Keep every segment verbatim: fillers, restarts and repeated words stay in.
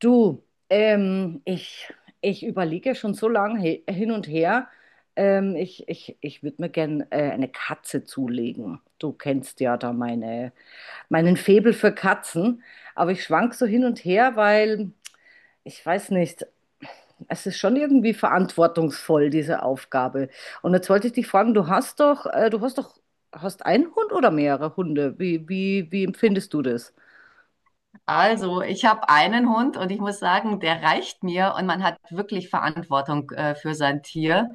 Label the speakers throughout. Speaker 1: Du, ähm, ich, ich überlege schon so lange he- hin und her. Ähm, ich ich, ich würde mir gern äh, eine Katze zulegen. Du kennst ja da meine, meinen Faible für Katzen. Aber ich schwank so hin und her, weil ich weiß nicht, es ist schon irgendwie verantwortungsvoll, diese Aufgabe. Und jetzt wollte ich dich fragen, du hast doch, äh, du hast doch, hast einen Hund oder mehrere Hunde? Wie, wie, wie empfindest du das?
Speaker 2: Also, ich habe einen Hund und ich muss sagen, der reicht mir und man hat wirklich Verantwortung äh, für sein Tier,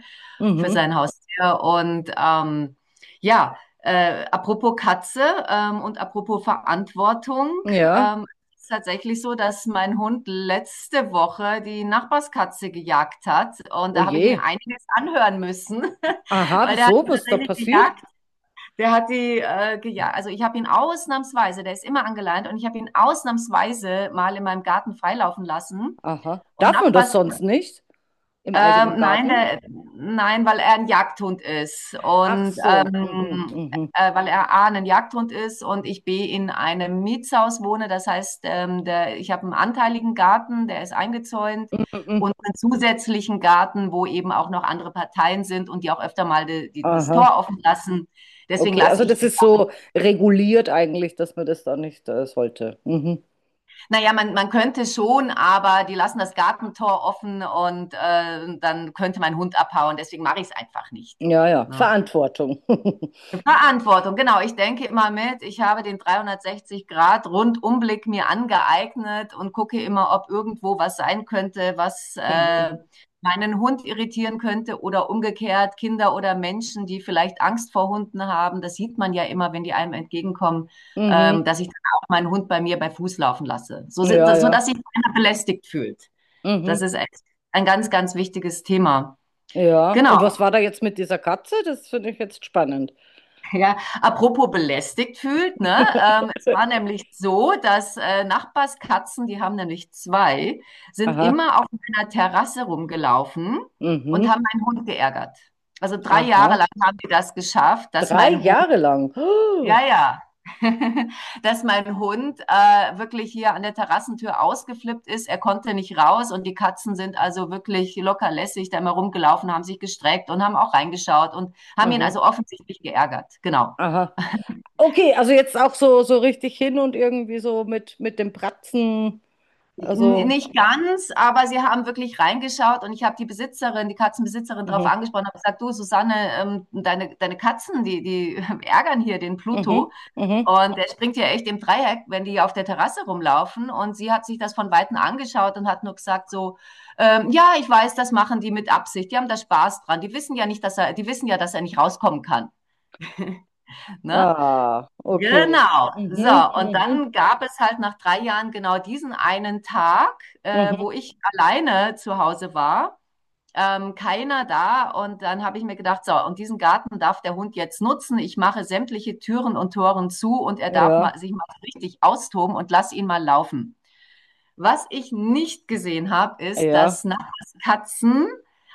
Speaker 2: für
Speaker 1: Mhm.
Speaker 2: sein Haustier. Und ähm, ja, äh, apropos Katze, ähm, und apropos Verantwortung,
Speaker 1: Ja.
Speaker 2: ähm, es ist tatsächlich so, dass mein Hund letzte Woche die Nachbarskatze gejagt hat und
Speaker 1: Oh
Speaker 2: da habe ich mir
Speaker 1: je.
Speaker 2: einiges anhören müssen,
Speaker 1: Aha,
Speaker 2: weil der hat
Speaker 1: wieso?
Speaker 2: sie
Speaker 1: Was ist da
Speaker 2: tatsächlich
Speaker 1: passiert?
Speaker 2: gejagt. Der hat die äh, gejagt. Also ich habe ihn ausnahmsweise, der ist immer angeleint, und ich habe ihn ausnahmsweise mal in meinem Garten freilaufen lassen.
Speaker 1: Aha.
Speaker 2: Und
Speaker 1: Darf man das
Speaker 2: Nachbars,
Speaker 1: sonst nicht im eigenen
Speaker 2: ähm, nein,
Speaker 1: Garten?
Speaker 2: der, nein, weil er ein Jagdhund ist
Speaker 1: Ach
Speaker 2: und
Speaker 1: so. Mhm,
Speaker 2: ähm,
Speaker 1: mhm,
Speaker 2: äh, weil er A, ein Jagdhund ist und ich B, in einem Mietshaus wohne. Das heißt, ähm, der, ich habe einen anteiligen Garten, der ist eingezäunt
Speaker 1: mhm. mhm.
Speaker 2: und einen zusätzlichen Garten, wo eben auch noch andere Parteien sind und die auch öfter mal die, die, das
Speaker 1: Aha.
Speaker 2: Tor offen lassen. Deswegen
Speaker 1: Okay,
Speaker 2: lasse
Speaker 1: also
Speaker 2: ich
Speaker 1: das
Speaker 2: ihn.
Speaker 1: ist so reguliert eigentlich, dass man das da nicht äh, sollte. Mhm.
Speaker 2: Naja, man, man könnte schon, aber die lassen das Gartentor offen und äh, dann könnte mein Hund abhauen. Deswegen mache ich es einfach nicht.
Speaker 1: Ja, ja.
Speaker 2: Ne?
Speaker 1: Verantwortung.
Speaker 2: Verantwortung, genau. Ich denke immer mit, ich habe den dreihundertsechzig-Grad-Rundumblick mir angeeignet und gucke immer, ob irgendwo was sein könnte, was äh,
Speaker 1: Mhm.
Speaker 2: meinen Hund irritieren könnte oder umgekehrt Kinder oder Menschen, die vielleicht Angst vor Hunden haben. Das sieht man ja immer, wenn die einem entgegenkommen, ähm,
Speaker 1: Mhm.
Speaker 2: dass ich dann auch meinen Hund bei mir bei Fuß laufen lasse, so, si-
Speaker 1: Ja,
Speaker 2: so
Speaker 1: ja.
Speaker 2: dass sich keiner belästigt fühlt. Das
Speaker 1: Mhm.
Speaker 2: ist echt ein ganz, ganz wichtiges Thema.
Speaker 1: Ja.
Speaker 2: Genau.
Speaker 1: Und was war da jetzt mit dieser Katze? Das finde ich jetzt spannend.
Speaker 2: Ja, apropos belästigt fühlt, ne? Ähm, es war nämlich so, dass äh, Nachbarskatzen, die haben nämlich zwei, sind
Speaker 1: Aha.
Speaker 2: immer auf meiner Terrasse rumgelaufen und
Speaker 1: Mhm.
Speaker 2: haben meinen Hund geärgert. Also drei Jahre
Speaker 1: Aha.
Speaker 2: lang haben die das geschafft, dass
Speaker 1: Drei
Speaker 2: mein Hund,
Speaker 1: Jahre lang.
Speaker 2: ja,
Speaker 1: Oh.
Speaker 2: ja, dass mein Hund äh, wirklich hier an der Terrassentür ausgeflippt ist. Er konnte nicht raus und die Katzen sind also wirklich locker lässig da immer rumgelaufen, haben sich gestreckt und haben auch reingeschaut und haben ihn
Speaker 1: Aha.
Speaker 2: also offensichtlich geärgert. Genau.
Speaker 1: Aha. Okay, also jetzt auch so, so richtig hin und irgendwie so mit, mit dem Bratzen.
Speaker 2: N
Speaker 1: Also,
Speaker 2: nicht ganz, aber sie haben wirklich reingeschaut und ich habe die Besitzerin, die Katzenbesitzerin drauf
Speaker 1: mhm,
Speaker 2: angesprochen, habe gesagt: „Du Susanne, ähm, deine deine Katzen, die die ärgern hier den
Speaker 1: mhm,
Speaker 2: Pluto
Speaker 1: mhm.
Speaker 2: und der springt ja echt im Dreieck, wenn die auf der Terrasse rumlaufen.“ Und sie hat sich das von Weitem angeschaut und hat nur gesagt so: „Ähm, Ja, ich weiß, das machen die mit Absicht. Die haben da Spaß dran. Die wissen ja nicht, dass er die wissen ja, dass er nicht rauskommen kann“, ne?
Speaker 1: Ah, okay.
Speaker 2: Genau. So,
Speaker 1: Mhm,
Speaker 2: und
Speaker 1: mhm,
Speaker 2: dann gab es halt nach drei Jahren genau diesen einen Tag, äh,
Speaker 1: mhm.
Speaker 2: wo ich alleine zu Hause war, ähm, keiner da. Und dann habe ich mir gedacht, so, und diesen Garten darf der Hund jetzt nutzen. Ich mache sämtliche Türen und Toren zu und er darf
Speaker 1: Ja,
Speaker 2: mal, sich mal richtig austoben und lass ihn mal laufen. Was ich nicht gesehen habe, ist,
Speaker 1: ja.
Speaker 2: dass Nachbarskatzen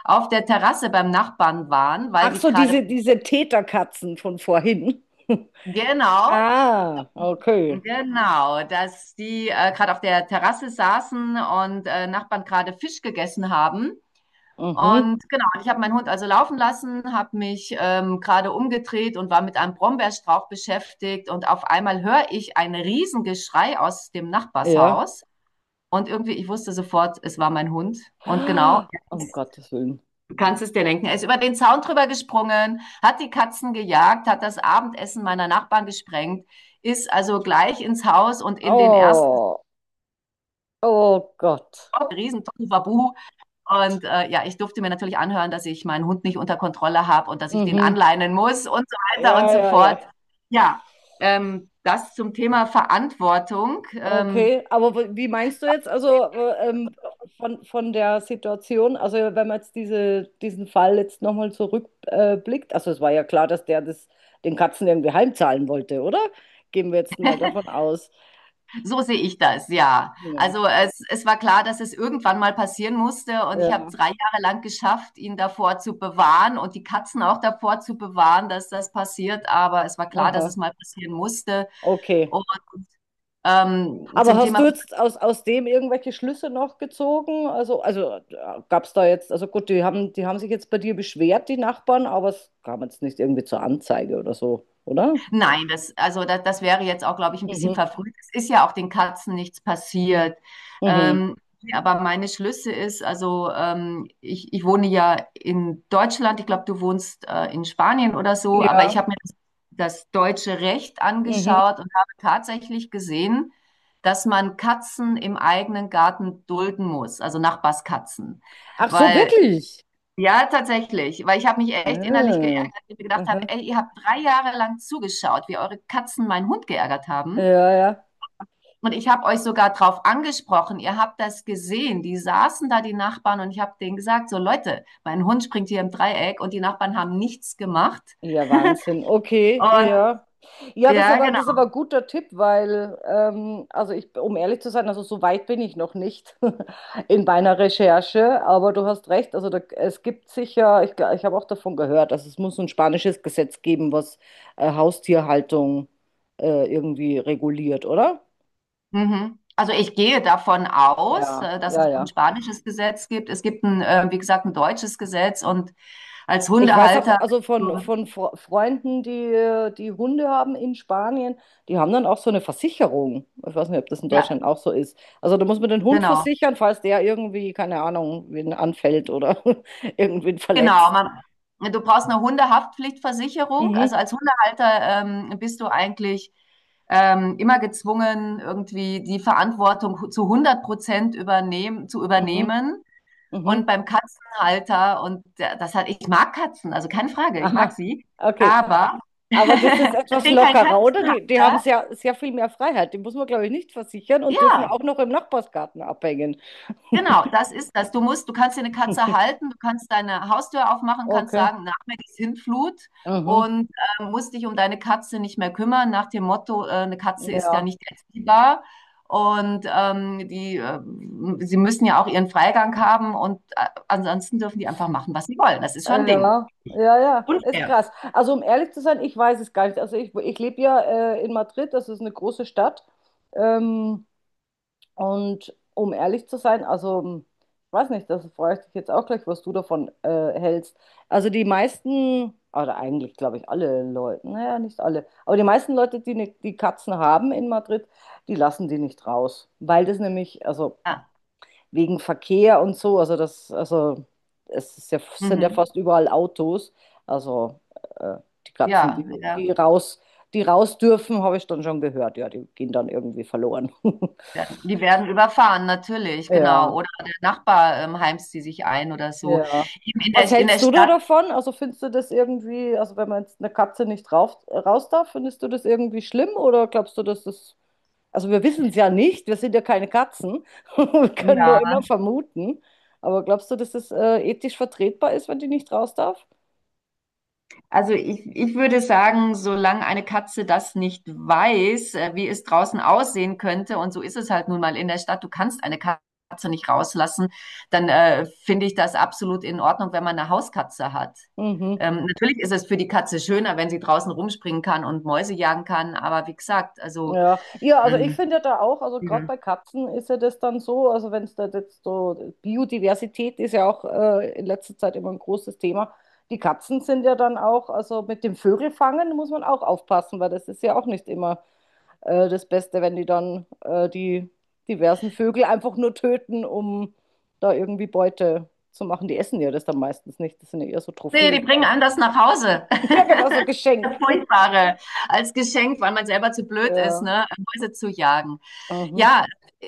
Speaker 2: auf der Terrasse beim Nachbarn waren, weil
Speaker 1: Ach
Speaker 2: die
Speaker 1: so,
Speaker 2: gerade,
Speaker 1: diese, diese Täterkatzen von vorhin.
Speaker 2: genau,
Speaker 1: Ah, okay.
Speaker 2: Genau, dass die äh, gerade auf der Terrasse saßen und äh, Nachbarn gerade Fisch gegessen haben.
Speaker 1: Mhm,
Speaker 2: Und genau, und ich habe meinen Hund also laufen lassen, habe mich ähm, gerade umgedreht und war mit einem Brombeerstrauch beschäftigt. Und auf einmal höre ich ein Riesengeschrei aus dem
Speaker 1: ja.
Speaker 2: Nachbarshaus. Und irgendwie, ich wusste sofort, es war mein Hund. Und genau,
Speaker 1: Um Gottes Willen.
Speaker 2: du kannst es dir denken. Er ist über den Zaun drüber gesprungen, hat die Katzen gejagt, hat das Abendessen meiner Nachbarn gesprengt, ist also gleich ins Haus und in den ersten
Speaker 1: Oh, oh Gott.
Speaker 2: Stock, riesen Babu. Und äh, ja, ich durfte mir natürlich anhören, dass ich meinen Hund nicht unter Kontrolle habe und dass ich den
Speaker 1: Mhm.
Speaker 2: anleinen muss und so weiter und
Speaker 1: Ja,
Speaker 2: so
Speaker 1: ja,
Speaker 2: fort.
Speaker 1: ja.
Speaker 2: Ja, ähm, das zum Thema Verantwortung. Ähm,
Speaker 1: Okay, aber w- wie meinst du jetzt also äh, ähm, von, von der Situation, also wenn man jetzt diese, diesen Fall jetzt nochmal zurückblickt, äh, blickt, also es war ja klar, dass der das den Katzen irgendwie heimzahlen wollte, oder? Gehen wir jetzt mal davon aus.
Speaker 2: So sehe ich das, ja.
Speaker 1: Ja,
Speaker 2: Also es, es war klar, dass es irgendwann mal passieren musste und ich habe
Speaker 1: ja,
Speaker 2: drei Jahre lang geschafft, ihn davor zu bewahren und die Katzen auch davor zu bewahren, dass das passiert. Aber es war klar, dass
Speaker 1: aha,
Speaker 2: es mal passieren musste.
Speaker 1: okay.
Speaker 2: Und ähm,
Speaker 1: Aber
Speaker 2: zum
Speaker 1: hast du
Speaker 2: Thema
Speaker 1: jetzt aus, aus dem irgendwelche Schlüsse noch gezogen? Also, also gab es da jetzt, also gut, die haben, die haben sich jetzt bei dir beschwert, die Nachbarn, aber es kam jetzt nicht irgendwie zur Anzeige oder so, oder?
Speaker 2: Nein, das, also das, das wäre jetzt auch, glaube ich, ein bisschen
Speaker 1: Mhm,
Speaker 2: verfrüht. Es ist ja auch den Katzen nichts passiert.
Speaker 1: mhm.
Speaker 2: Ähm, aber meine Schlüsse ist, also ähm, ich, ich wohne ja in Deutschland, ich glaube, du wohnst äh, in Spanien oder so, aber
Speaker 1: Ja.
Speaker 2: ich habe mir das, das deutsche Recht
Speaker 1: Mhm.
Speaker 2: angeschaut und habe tatsächlich gesehen, dass man Katzen im eigenen Garten dulden muss, also Nachbarskatzen.
Speaker 1: Ach so,
Speaker 2: Weil
Speaker 1: wirklich?
Speaker 2: ja, tatsächlich, weil ich habe mich echt innerlich geärgert,
Speaker 1: Ah,
Speaker 2: weil ich mir gedacht habe,
Speaker 1: aha.
Speaker 2: ey, ihr habt drei Jahre lang zugeschaut, wie eure Katzen meinen Hund geärgert haben.
Speaker 1: Ja, ja.
Speaker 2: Und ich habe euch sogar drauf angesprochen, ihr habt das gesehen. Die saßen da, die Nachbarn, und ich habe denen gesagt, so Leute, mein Hund springt hier im Dreieck und die Nachbarn haben nichts gemacht.
Speaker 1: Ja, Wahnsinn. Okay,
Speaker 2: Und
Speaker 1: ja. Ja, das ist
Speaker 2: ja,
Speaker 1: aber,
Speaker 2: genau.
Speaker 1: das ist aber ein guter Tipp, weil, ähm, also ich, um ehrlich zu sein, also so weit bin ich noch nicht in meiner Recherche, aber du hast recht, also da, es gibt sicher, ich, gl- ich habe auch davon gehört, also es muss ein spanisches Gesetz geben, was äh, Haustierhaltung äh, irgendwie reguliert, oder?
Speaker 2: Mhm. Also ich gehe davon aus,
Speaker 1: Ja,
Speaker 2: äh, dass es
Speaker 1: ja,
Speaker 2: ein
Speaker 1: ja.
Speaker 2: spanisches Gesetz gibt. Es gibt ein, äh, wie gesagt, ein deutsches Gesetz und als
Speaker 1: Ich weiß auch,
Speaker 2: Hundehalter
Speaker 1: also
Speaker 2: bist
Speaker 1: von,
Speaker 2: du,
Speaker 1: von Fre- Freunden, die, die Hunde haben in Spanien, die haben dann auch so eine Versicherung. Ich weiß nicht, ob das in
Speaker 2: ja,
Speaker 1: Deutschland auch so ist. Also da muss man den Hund
Speaker 2: genau.
Speaker 1: versichern, falls der irgendwie, keine Ahnung, wen anfällt oder irgendwen
Speaker 2: Genau,
Speaker 1: verletzt.
Speaker 2: man, du brauchst eine Hundehaftpflichtversicherung. Also
Speaker 1: Mhm,
Speaker 2: als Hundehalter ähm, bist du eigentlich ähm, immer gezwungen, irgendwie die Verantwortung hu- zu hundert Prozent übernehmen, zu
Speaker 1: mhm,
Speaker 2: übernehmen. Und
Speaker 1: mhm.
Speaker 2: beim Katzenhalter, und der- das hat, ich mag Katzen, also keine Frage, ich mag
Speaker 1: Aha,
Speaker 2: sie.
Speaker 1: okay.
Speaker 2: Aber
Speaker 1: Aber das ist
Speaker 2: ich
Speaker 1: etwas
Speaker 2: bin kein
Speaker 1: lockerer, oder? Die, die haben
Speaker 2: Katzenhalter.
Speaker 1: sehr, sehr viel mehr Freiheit. Die muss man, glaube ich, nicht versichern und dürfen auch
Speaker 2: Ja,
Speaker 1: noch im Nachbarsgarten abhängen.
Speaker 2: genau, das ist das. Du musst, du kannst dir eine Katze halten, du kannst deine Haustür aufmachen, kannst
Speaker 1: Okay.
Speaker 2: sagen, nach mir die Sintflut
Speaker 1: Mhm.
Speaker 2: und äh, musst dich um deine Katze nicht mehr kümmern, nach dem Motto, äh, eine Katze ist ja
Speaker 1: Ja.
Speaker 2: nicht erziehbar. Und ähm, die, äh, sie müssen ja auch ihren Freigang haben und äh, ansonsten dürfen die einfach machen, was sie wollen. Das ist schon ein Ding.
Speaker 1: Ja, ja, ja, ist
Speaker 2: Unfair.
Speaker 1: krass. Also um ehrlich zu sein, ich weiß es gar nicht. Also ich, ich lebe ja äh, in Madrid, das ist eine große Stadt. Ähm, und um ehrlich zu sein, also hm, ich weiß nicht, das frage ich dich jetzt auch gleich, was du davon äh, hältst. Also die meisten, oder eigentlich glaube ich alle Leute, naja, nicht alle, aber die meisten Leute, die, ne, die Katzen haben in Madrid, die lassen die nicht raus, weil das nämlich, also
Speaker 2: Ja,
Speaker 1: wegen Verkehr und so. Also das, also es ist ja, sind ja
Speaker 2: mhm.
Speaker 1: fast überall Autos. Also äh, die Katzen,
Speaker 2: Ja,
Speaker 1: die,
Speaker 2: ja.
Speaker 1: die raus, die raus dürfen, habe ich dann schon gehört. Ja, die gehen dann irgendwie verloren.
Speaker 2: Werden- Die werden überfahren, natürlich,
Speaker 1: Ja,
Speaker 2: genau. Oder der Nachbar ähm, heimst sie sich ein oder so.
Speaker 1: ja.
Speaker 2: Eben in
Speaker 1: Was
Speaker 2: der, in der
Speaker 1: hältst du da
Speaker 2: Stadt,
Speaker 1: davon? Also findest du das irgendwie, also wenn man jetzt eine Katze nicht rauf, raus darf, findest du das irgendwie schlimm oder glaubst du, dass das. Also wir wissen es ja nicht, wir sind ja keine Katzen. Wir können nur
Speaker 2: ja.
Speaker 1: immer vermuten. Aber glaubst du, dass das äh, ethisch vertretbar ist, wenn die nicht raus darf?
Speaker 2: Also ich, ich würde sagen, solange eine Katze das nicht weiß, äh, wie es draußen aussehen könnte, und so ist es halt nun mal in der Stadt, du kannst eine Katze nicht rauslassen, dann äh, finde ich das absolut in Ordnung, wenn man eine Hauskatze hat.
Speaker 1: Mhm.
Speaker 2: Ähm, natürlich ist es für die Katze schöner, wenn sie draußen rumspringen kann und Mäuse jagen kann, aber wie gesagt, also
Speaker 1: Ja. Ja, also ich
Speaker 2: ähm,
Speaker 1: finde ja da auch, also
Speaker 2: ja.
Speaker 1: gerade bei Katzen ist ja das dann so, also wenn es da jetzt so, Biodiversität ist ja auch äh, in letzter Zeit immer ein großes Thema. Die Katzen sind ja dann auch, also mit dem Vögelfangen muss man auch aufpassen, weil das ist ja auch nicht immer äh, das Beste, wenn die dann äh, die diversen Vögel einfach nur töten, um da irgendwie Beute zu machen. Die essen ja das dann meistens nicht. Das sind ja eher so
Speaker 2: Nee, die
Speaker 1: Trophäen
Speaker 2: bringen
Speaker 1: dann.
Speaker 2: anders nach Hause.
Speaker 1: Ja, genau, so Geschenk.
Speaker 2: Furchtbare als Geschenk, weil man selber zu blöd ist,
Speaker 1: Ja.
Speaker 2: ne, Mäuse zu jagen.
Speaker 1: Mhm.
Speaker 2: Ja,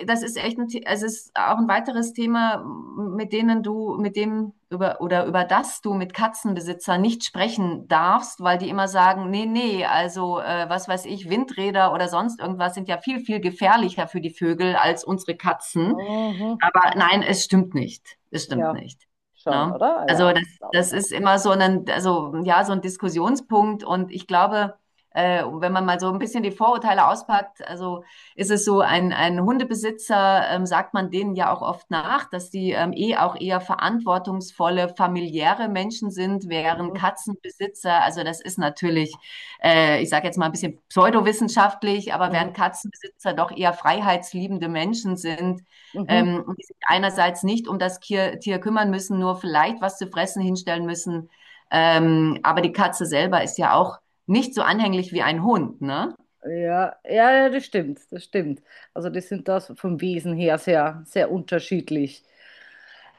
Speaker 2: das ist echt ein, The- es ist auch ein weiteres Thema, mit denen du, mit dem über oder über das du mit Katzenbesitzern nicht sprechen darfst, weil die immer sagen, nee, nee, also äh, was weiß ich, Windräder oder sonst irgendwas sind ja viel, viel gefährlicher für die Vögel als unsere Katzen.
Speaker 1: Mhm.
Speaker 2: Aber nein, es stimmt nicht. Es stimmt
Speaker 1: Ja,
Speaker 2: nicht.
Speaker 1: schon,
Speaker 2: Ne?
Speaker 1: oder? Ah,
Speaker 2: Also
Speaker 1: ja,
Speaker 2: das,
Speaker 1: glaube
Speaker 2: das
Speaker 1: ich auch.
Speaker 2: ist immer so ein, also ja, so ein Diskussionspunkt und ich glaube, äh, wenn man mal so ein bisschen die Vorurteile auspackt, also ist es so, ein, ein Hundebesitzer, ähm, sagt man denen ja auch oft nach, dass die ähm, eh auch eher verantwortungsvolle, familiäre Menschen sind, während
Speaker 1: Mhm.
Speaker 2: Katzenbesitzer, also das ist natürlich, äh, ich sage jetzt mal ein bisschen pseudowissenschaftlich, aber
Speaker 1: Mhm.
Speaker 2: während Katzenbesitzer doch eher freiheitsliebende Menschen sind,
Speaker 1: Mhm.
Speaker 2: ähm, die sich einerseits nicht um das Tier, Tier kümmern müssen, nur vielleicht was zu fressen hinstellen müssen, ähm, aber die Katze selber ist ja auch nicht so anhänglich wie ein Hund, ne?
Speaker 1: Ja, ja, ja, das stimmt, das stimmt. Also die sind das vom Wesen her sehr, sehr unterschiedlich.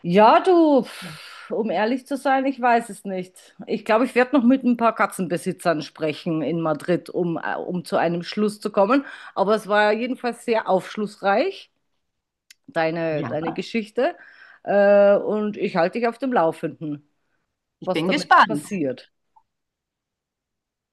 Speaker 1: Ja, du, pf, um ehrlich zu sein, ich weiß es nicht. Ich glaube, ich werde noch mit ein paar Katzenbesitzern sprechen in Madrid, um, äh, um zu einem Schluss zu kommen. Aber es war jedenfalls sehr aufschlussreich, deine,
Speaker 2: Ja.
Speaker 1: deine Geschichte. Äh, und ich halte dich auf dem Laufenden,
Speaker 2: Ich
Speaker 1: was
Speaker 2: bin
Speaker 1: damit
Speaker 2: gespannt.
Speaker 1: passiert.